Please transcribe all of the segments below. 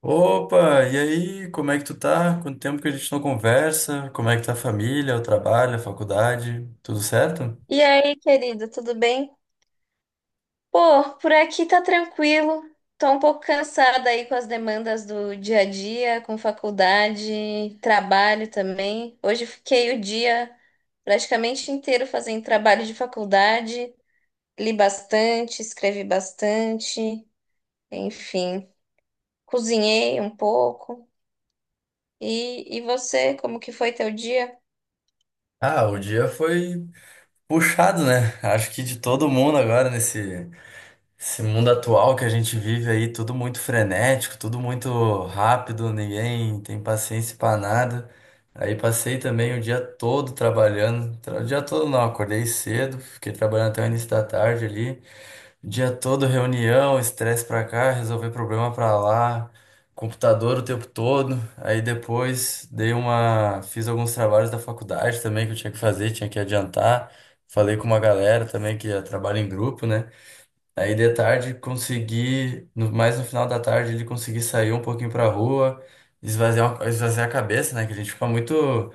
Opa, e aí, como é que tu tá? Quanto tempo que a gente não conversa? Como é que tá a família, o trabalho, a faculdade? Tudo certo? E aí, querido, tudo bem? Pô, por aqui tá tranquilo. Tô um pouco cansada aí com as demandas do dia a dia, com faculdade, trabalho também. Hoje fiquei o dia praticamente inteiro fazendo trabalho de faculdade. Li bastante, escrevi bastante, enfim, cozinhei um pouco. E você, como que foi teu dia? Ah, o dia foi puxado, né? Acho que de todo mundo agora nesse esse mundo atual que a gente vive aí, tudo muito frenético, tudo muito rápido, ninguém tem paciência pra nada. Aí passei também o dia todo trabalhando, o dia todo não, acordei cedo, fiquei trabalhando até o início da tarde ali. Dia todo reunião, estresse pra cá, resolver problema pra lá, computador o tempo todo. Aí depois fiz alguns trabalhos da faculdade também que eu tinha que fazer, tinha que adiantar. Falei com uma galera também que trabalha em grupo, né? Aí de tarde consegui, no- mais no final da tarde ele consegui sair um pouquinho pra rua, esvaziar a cabeça, né? Que a gente fica muito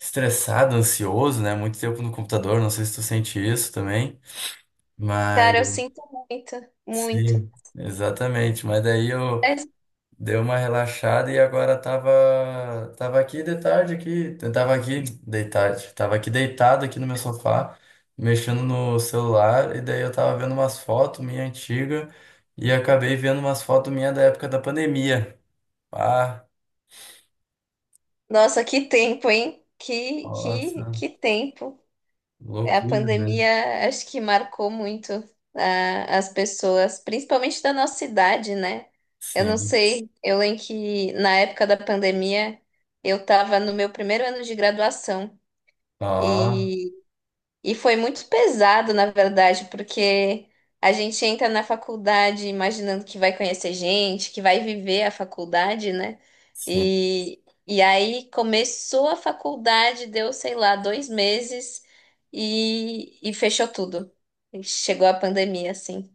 estressado, ansioso, né? Muito tempo no computador, não sei se tu sente isso também. Cara, eu sinto muito, muito. Sim, exatamente. Mas daí eu dei uma relaxada e agora tava aqui de tarde aqui, tava aqui deitado aqui no meu sofá, mexendo no celular e daí eu tava vendo umas fotos minha antiga e acabei vendo umas fotos minha da época da pandemia. Ah, Nossa, que tempo, hein? Que, que, nossa, que tempo. A loucura, né? pandemia acho que marcou muito as pessoas, principalmente da nossa idade, né? Eu não Sim. sei, eu lembro que na época da pandemia eu estava no meu primeiro ano de graduação Ó, e foi muito pesado, na verdade, porque a gente entra na faculdade imaginando que vai conhecer gente, que vai viver a faculdade, né? sim. E aí começou a faculdade, deu, sei lá, 2 meses e fechou tudo. E chegou a pandemia, assim.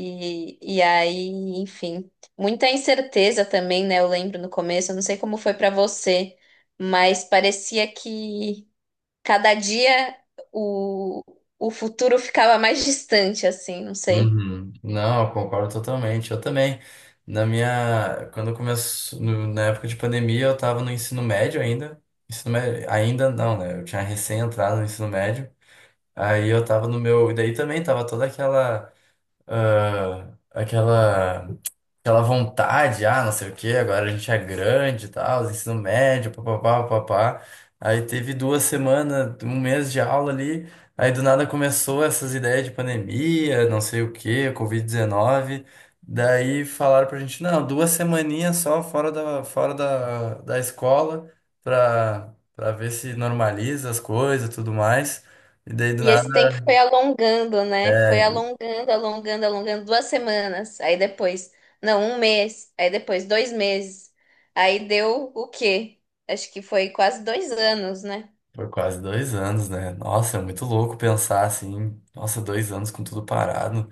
E aí, enfim, muita incerteza também, né? Eu lembro no começo, eu não sei como foi pra você, mas parecia que. Cada dia o, o futuro ficava mais distante, assim, não sei. Uhum. Não, eu concordo totalmente. Eu também. Na minha, quando começou, na época de pandemia, eu estava no ensino médio ainda. Ensino médio, ainda não, né? Eu tinha recém entrado no ensino médio. Aí eu estava no meu, e daí também tava toda aquela, aquela Aquela vontade, ah, não sei o quê, agora a gente é grande e tal, ensino médio, papapá, papapá. Aí teve duas semanas, um mês de aula ali, aí do nada começou essas ideias de pandemia, não sei o quê, Covid-19. Daí falaram pra gente, não, duas semaninhas só fora da, da escola pra, pra ver se normaliza as coisas e tudo mais. E daí do E esse nada. tempo foi alongando, né? Foi É. alongando, alongando, alongando 2 semanas. Aí depois, não, um mês. Aí depois, 2 meses. Aí deu o quê? Acho que foi quase 2 anos, né? Foi quase dois anos, né? Nossa, é muito louco pensar assim. Nossa, dois anos com tudo parado.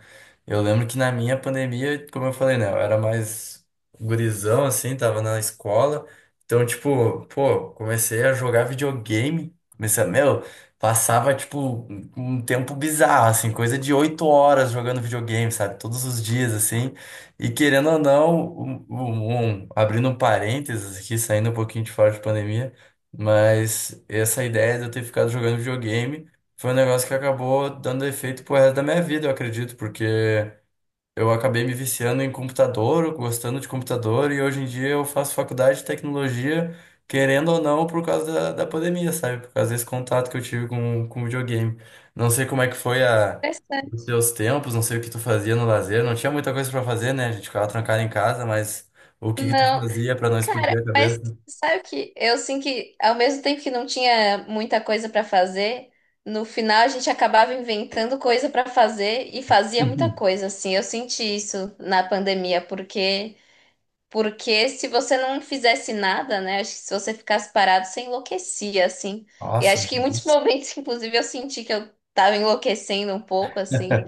Eu lembro que na minha pandemia, como eu falei, né? Eu era mais gurizão, assim, tava na escola. Então, tipo, pô, comecei a jogar videogame. Comecei a, meu, passava, tipo, um tempo bizarro, assim, coisa de 8 horas jogando videogame, sabe? Todos os dias, assim. E querendo ou não, abrindo um parênteses aqui, saindo um pouquinho de fora de pandemia. Mas essa ideia de eu ter ficado jogando videogame foi um negócio que acabou dando efeito pro resto da minha vida, eu acredito, porque eu acabei me viciando em computador, gostando de computador, e hoje em dia eu faço faculdade de tecnologia, querendo ou não, por causa da, da pandemia, sabe? Por causa desse contato que eu tive com videogame. Não sei como é que foi a, os Interessante. teus tempos, não sei o que tu fazia no lazer, não tinha muita coisa pra fazer, né? A gente ficava trancado em casa, mas o que que tu Não. fazia pra não Cara, explodir a mas cabeça? sabe o que? Eu assim que ao mesmo tempo que não tinha muita coisa pra fazer, no final a gente acabava inventando coisa pra fazer e fazia muita coisa assim. Eu senti isso na pandemia, porque se você não fizesse nada, né? Acho que se você ficasse parado, você enlouquecia assim. E Nossa. acho que em muitos momentos, inclusive, eu senti que eu tava enlouquecendo um pouco assim.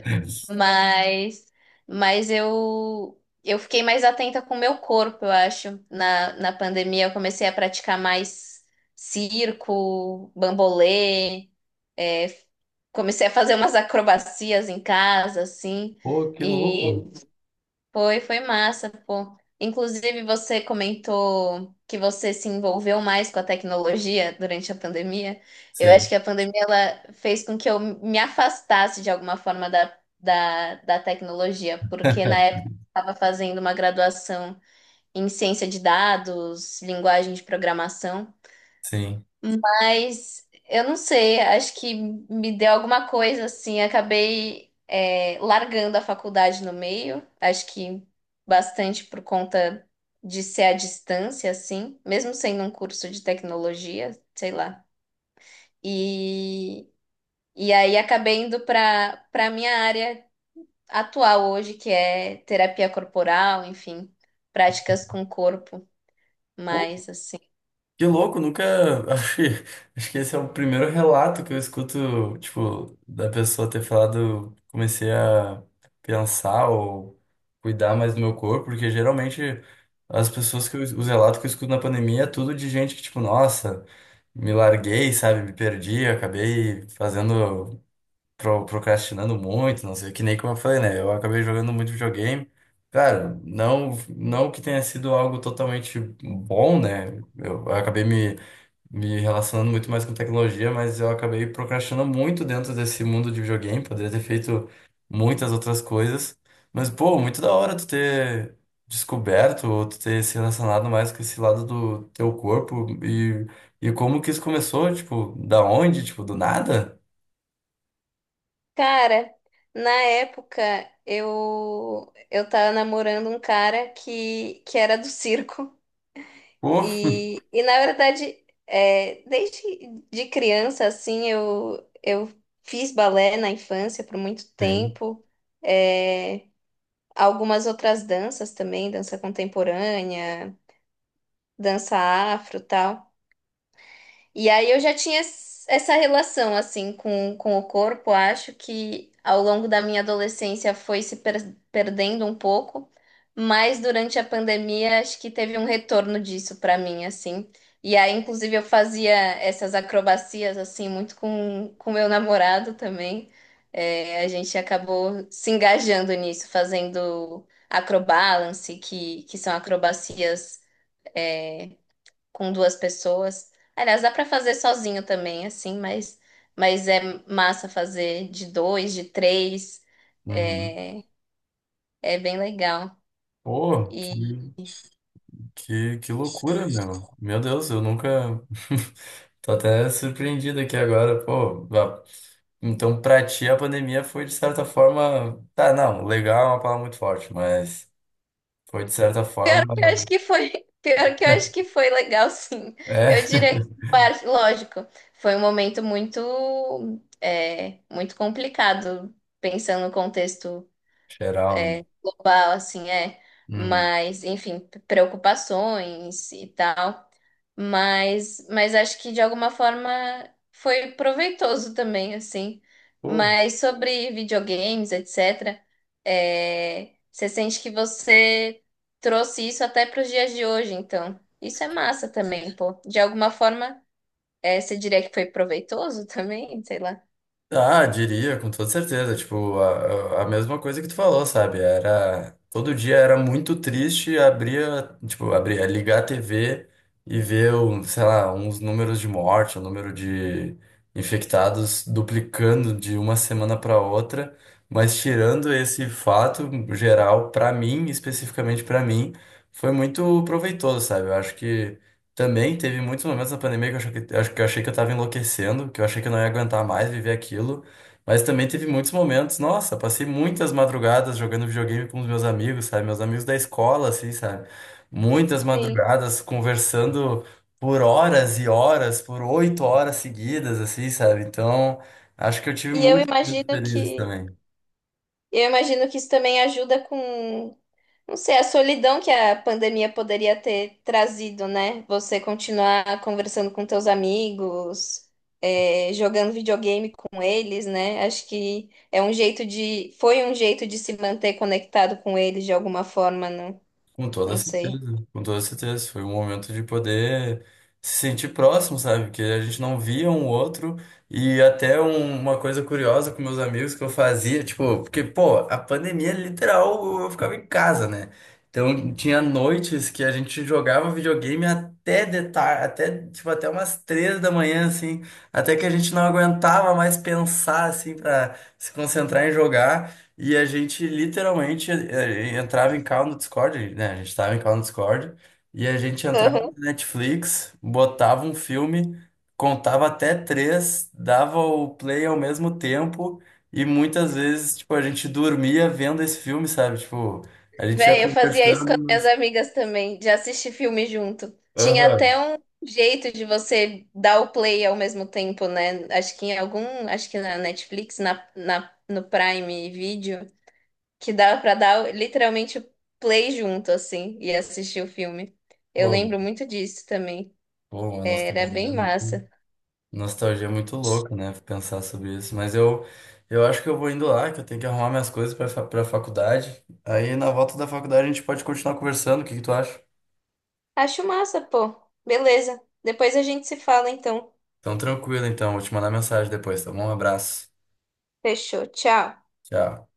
Mas, mas eu fiquei mais atenta com o meu corpo, eu acho. Na pandemia, eu comecei a praticar mais circo, bambolê, é, comecei a fazer umas acrobacias em casa, assim, Pô, que e louco. foi massa, pô. Inclusive, você comentou que você se envolveu mais com a tecnologia durante a pandemia. Eu acho Sim, que a pandemia ela fez com que eu me afastasse de alguma forma da tecnologia, porque na época eu estava fazendo uma graduação em ciência de dados, linguagem de programação. sim. Mas eu não sei, acho que me deu alguma coisa assim. Acabei largando a faculdade no meio, acho que bastante por conta de ser à distância, assim, mesmo sendo um curso de tecnologia, sei lá. E, e aí acabei indo para minha área atual hoje, que é terapia corporal, enfim, práticas com o corpo, Pô, mais assim. que louco, nunca. Acho que acho que esse é o primeiro relato que eu escuto, tipo, da pessoa ter falado, comecei a pensar ou cuidar mais do meu corpo, porque geralmente as pessoas que eu, os relatos que eu escuto na pandemia é tudo de gente que, tipo, nossa, me larguei, sabe, me perdi, acabei fazendo. Procrastinando muito, não sei, que nem como eu falei, né? Eu acabei jogando muito videogame. Cara, não, não que tenha sido algo totalmente bom, né? Eu acabei me, me relacionando muito mais com tecnologia, mas eu acabei procrastinando muito dentro desse mundo de videogame. Poderia ter feito muitas outras coisas. Mas, pô, muito da hora tu ter descoberto ou tu ter se relacionado mais com esse lado do teu corpo e como que isso começou, tipo, da onde, tipo, do nada? Cara, na época eu tava namorando um cara que era do circo Pô, e na verdade desde de criança assim eu fiz balé na infância por muito sim. tempo, é, algumas outras danças também, dança contemporânea, dança afro, tal. E aí eu já tinha essa relação assim com o corpo, acho que ao longo da minha adolescência foi se perdendo um pouco, mas durante a pandemia acho que teve um retorno disso para mim assim. E aí inclusive eu fazia essas acrobacias assim muito com meu namorado também. É, a gente acabou se engajando nisso, fazendo acrobalance, que são acrobacias é, com 2 pessoas. Aliás, dá para fazer sozinho também, assim, mas, é massa fazer de dois, de três. Uhum. É, é bem legal. Pô, E que loucura, meu. Meu Deus, eu nunca. Tô até surpreendido aqui agora, pô. Então, pra ti, a pandemia foi, de certa forma. Tá, não, legal é uma palavra muito forte, mas foi, de certa pior forma. que eu acho que foi, pior que eu acho que foi legal, sim. É, Eu diria que, lógico, foi um momento muito, muito complicado, pensando no contexto, geral, né? Global, assim, é. Uhum. Mas, enfim, preocupações e tal. Mas acho que de alguma forma foi proveitoso também, assim. Pô. Mas sobre videogames, etc., você sente que você trouxe isso até para os dias de hoje, então. Isso é massa também, pô. De alguma forma, você diria que foi proveitoso também, sei lá. Ah, diria, com toda certeza. Tipo, a mesma coisa que tu falou, sabe? Era. Todo dia era muito triste, abria, tipo, abria, ligar a TV e ver, um, sei lá, uns números de morte, o número de infectados duplicando de uma semana para outra. Mas tirando esse fato geral, para mim, especificamente para mim, foi muito proveitoso, sabe? Eu acho que. Também teve muitos momentos na pandemia que eu, achei que, acho que eu achei que eu tava enlouquecendo, que eu achei que eu não ia aguentar mais viver aquilo. Mas também teve muitos momentos, nossa, passei muitas madrugadas jogando videogame com os meus amigos, sabe? Meus amigos da escola, assim, sabe? Muitas Sim. madrugadas conversando por horas e horas, por 8 horas seguidas, assim, sabe? Então, acho que eu tive E eu muitos momentos imagino felizes que também. eu imagino que isso também ajuda com, não sei, a solidão que a pandemia poderia ter trazido, né? Você continuar conversando com teus amigos, jogando videogame com eles, né? Acho que foi um jeito de se manter conectado com eles de alguma forma, não, Com toda não sei. certeza, com toda certeza. Foi um momento de poder se sentir próximo, sabe? Que a gente não via um outro. E até uma coisa curiosa com meus amigos que eu fazia, tipo, porque, pô, a pandemia literal eu ficava em casa, né? Então tinha noites que a gente jogava videogame até, tipo, até umas 3 da manhã, assim, até que a gente não aguentava mais pensar, assim, pra se concentrar em jogar. E a gente literalmente entrava em call no Discord, né? A gente estava em call no Discord e a gente entrava Uhum. no Netflix, botava um filme, contava até três, dava o play ao mesmo tempo e muitas vezes, tipo, a gente dormia vendo esse filme, sabe? Tipo, a gente ia Véi, eu fazia isso com as conversando. minhas amigas também, de assistir filme junto. Tinha Aham. até um jeito de você dar o play ao mesmo tempo, né? Acho que em algum, acho que na Netflix, no Prime Video, que dava pra dar literalmente o play junto, assim, e assistir o filme. Eu Pô, lembro muito disso também. pô, uma Era nostalgia. bem massa. Nostalgia é muito louca, né? Pensar sobre isso. Mas eu acho que eu vou indo lá, que eu tenho que arrumar minhas coisas pra, pra faculdade. Aí na volta da faculdade a gente pode continuar conversando. O que que tu acha? Acho massa, pô. Beleza. Depois a gente se fala, então. Então, tranquilo, então. Vou te mandar mensagem depois, tá bom? Um abraço. Fechou. Tchau. Tchau.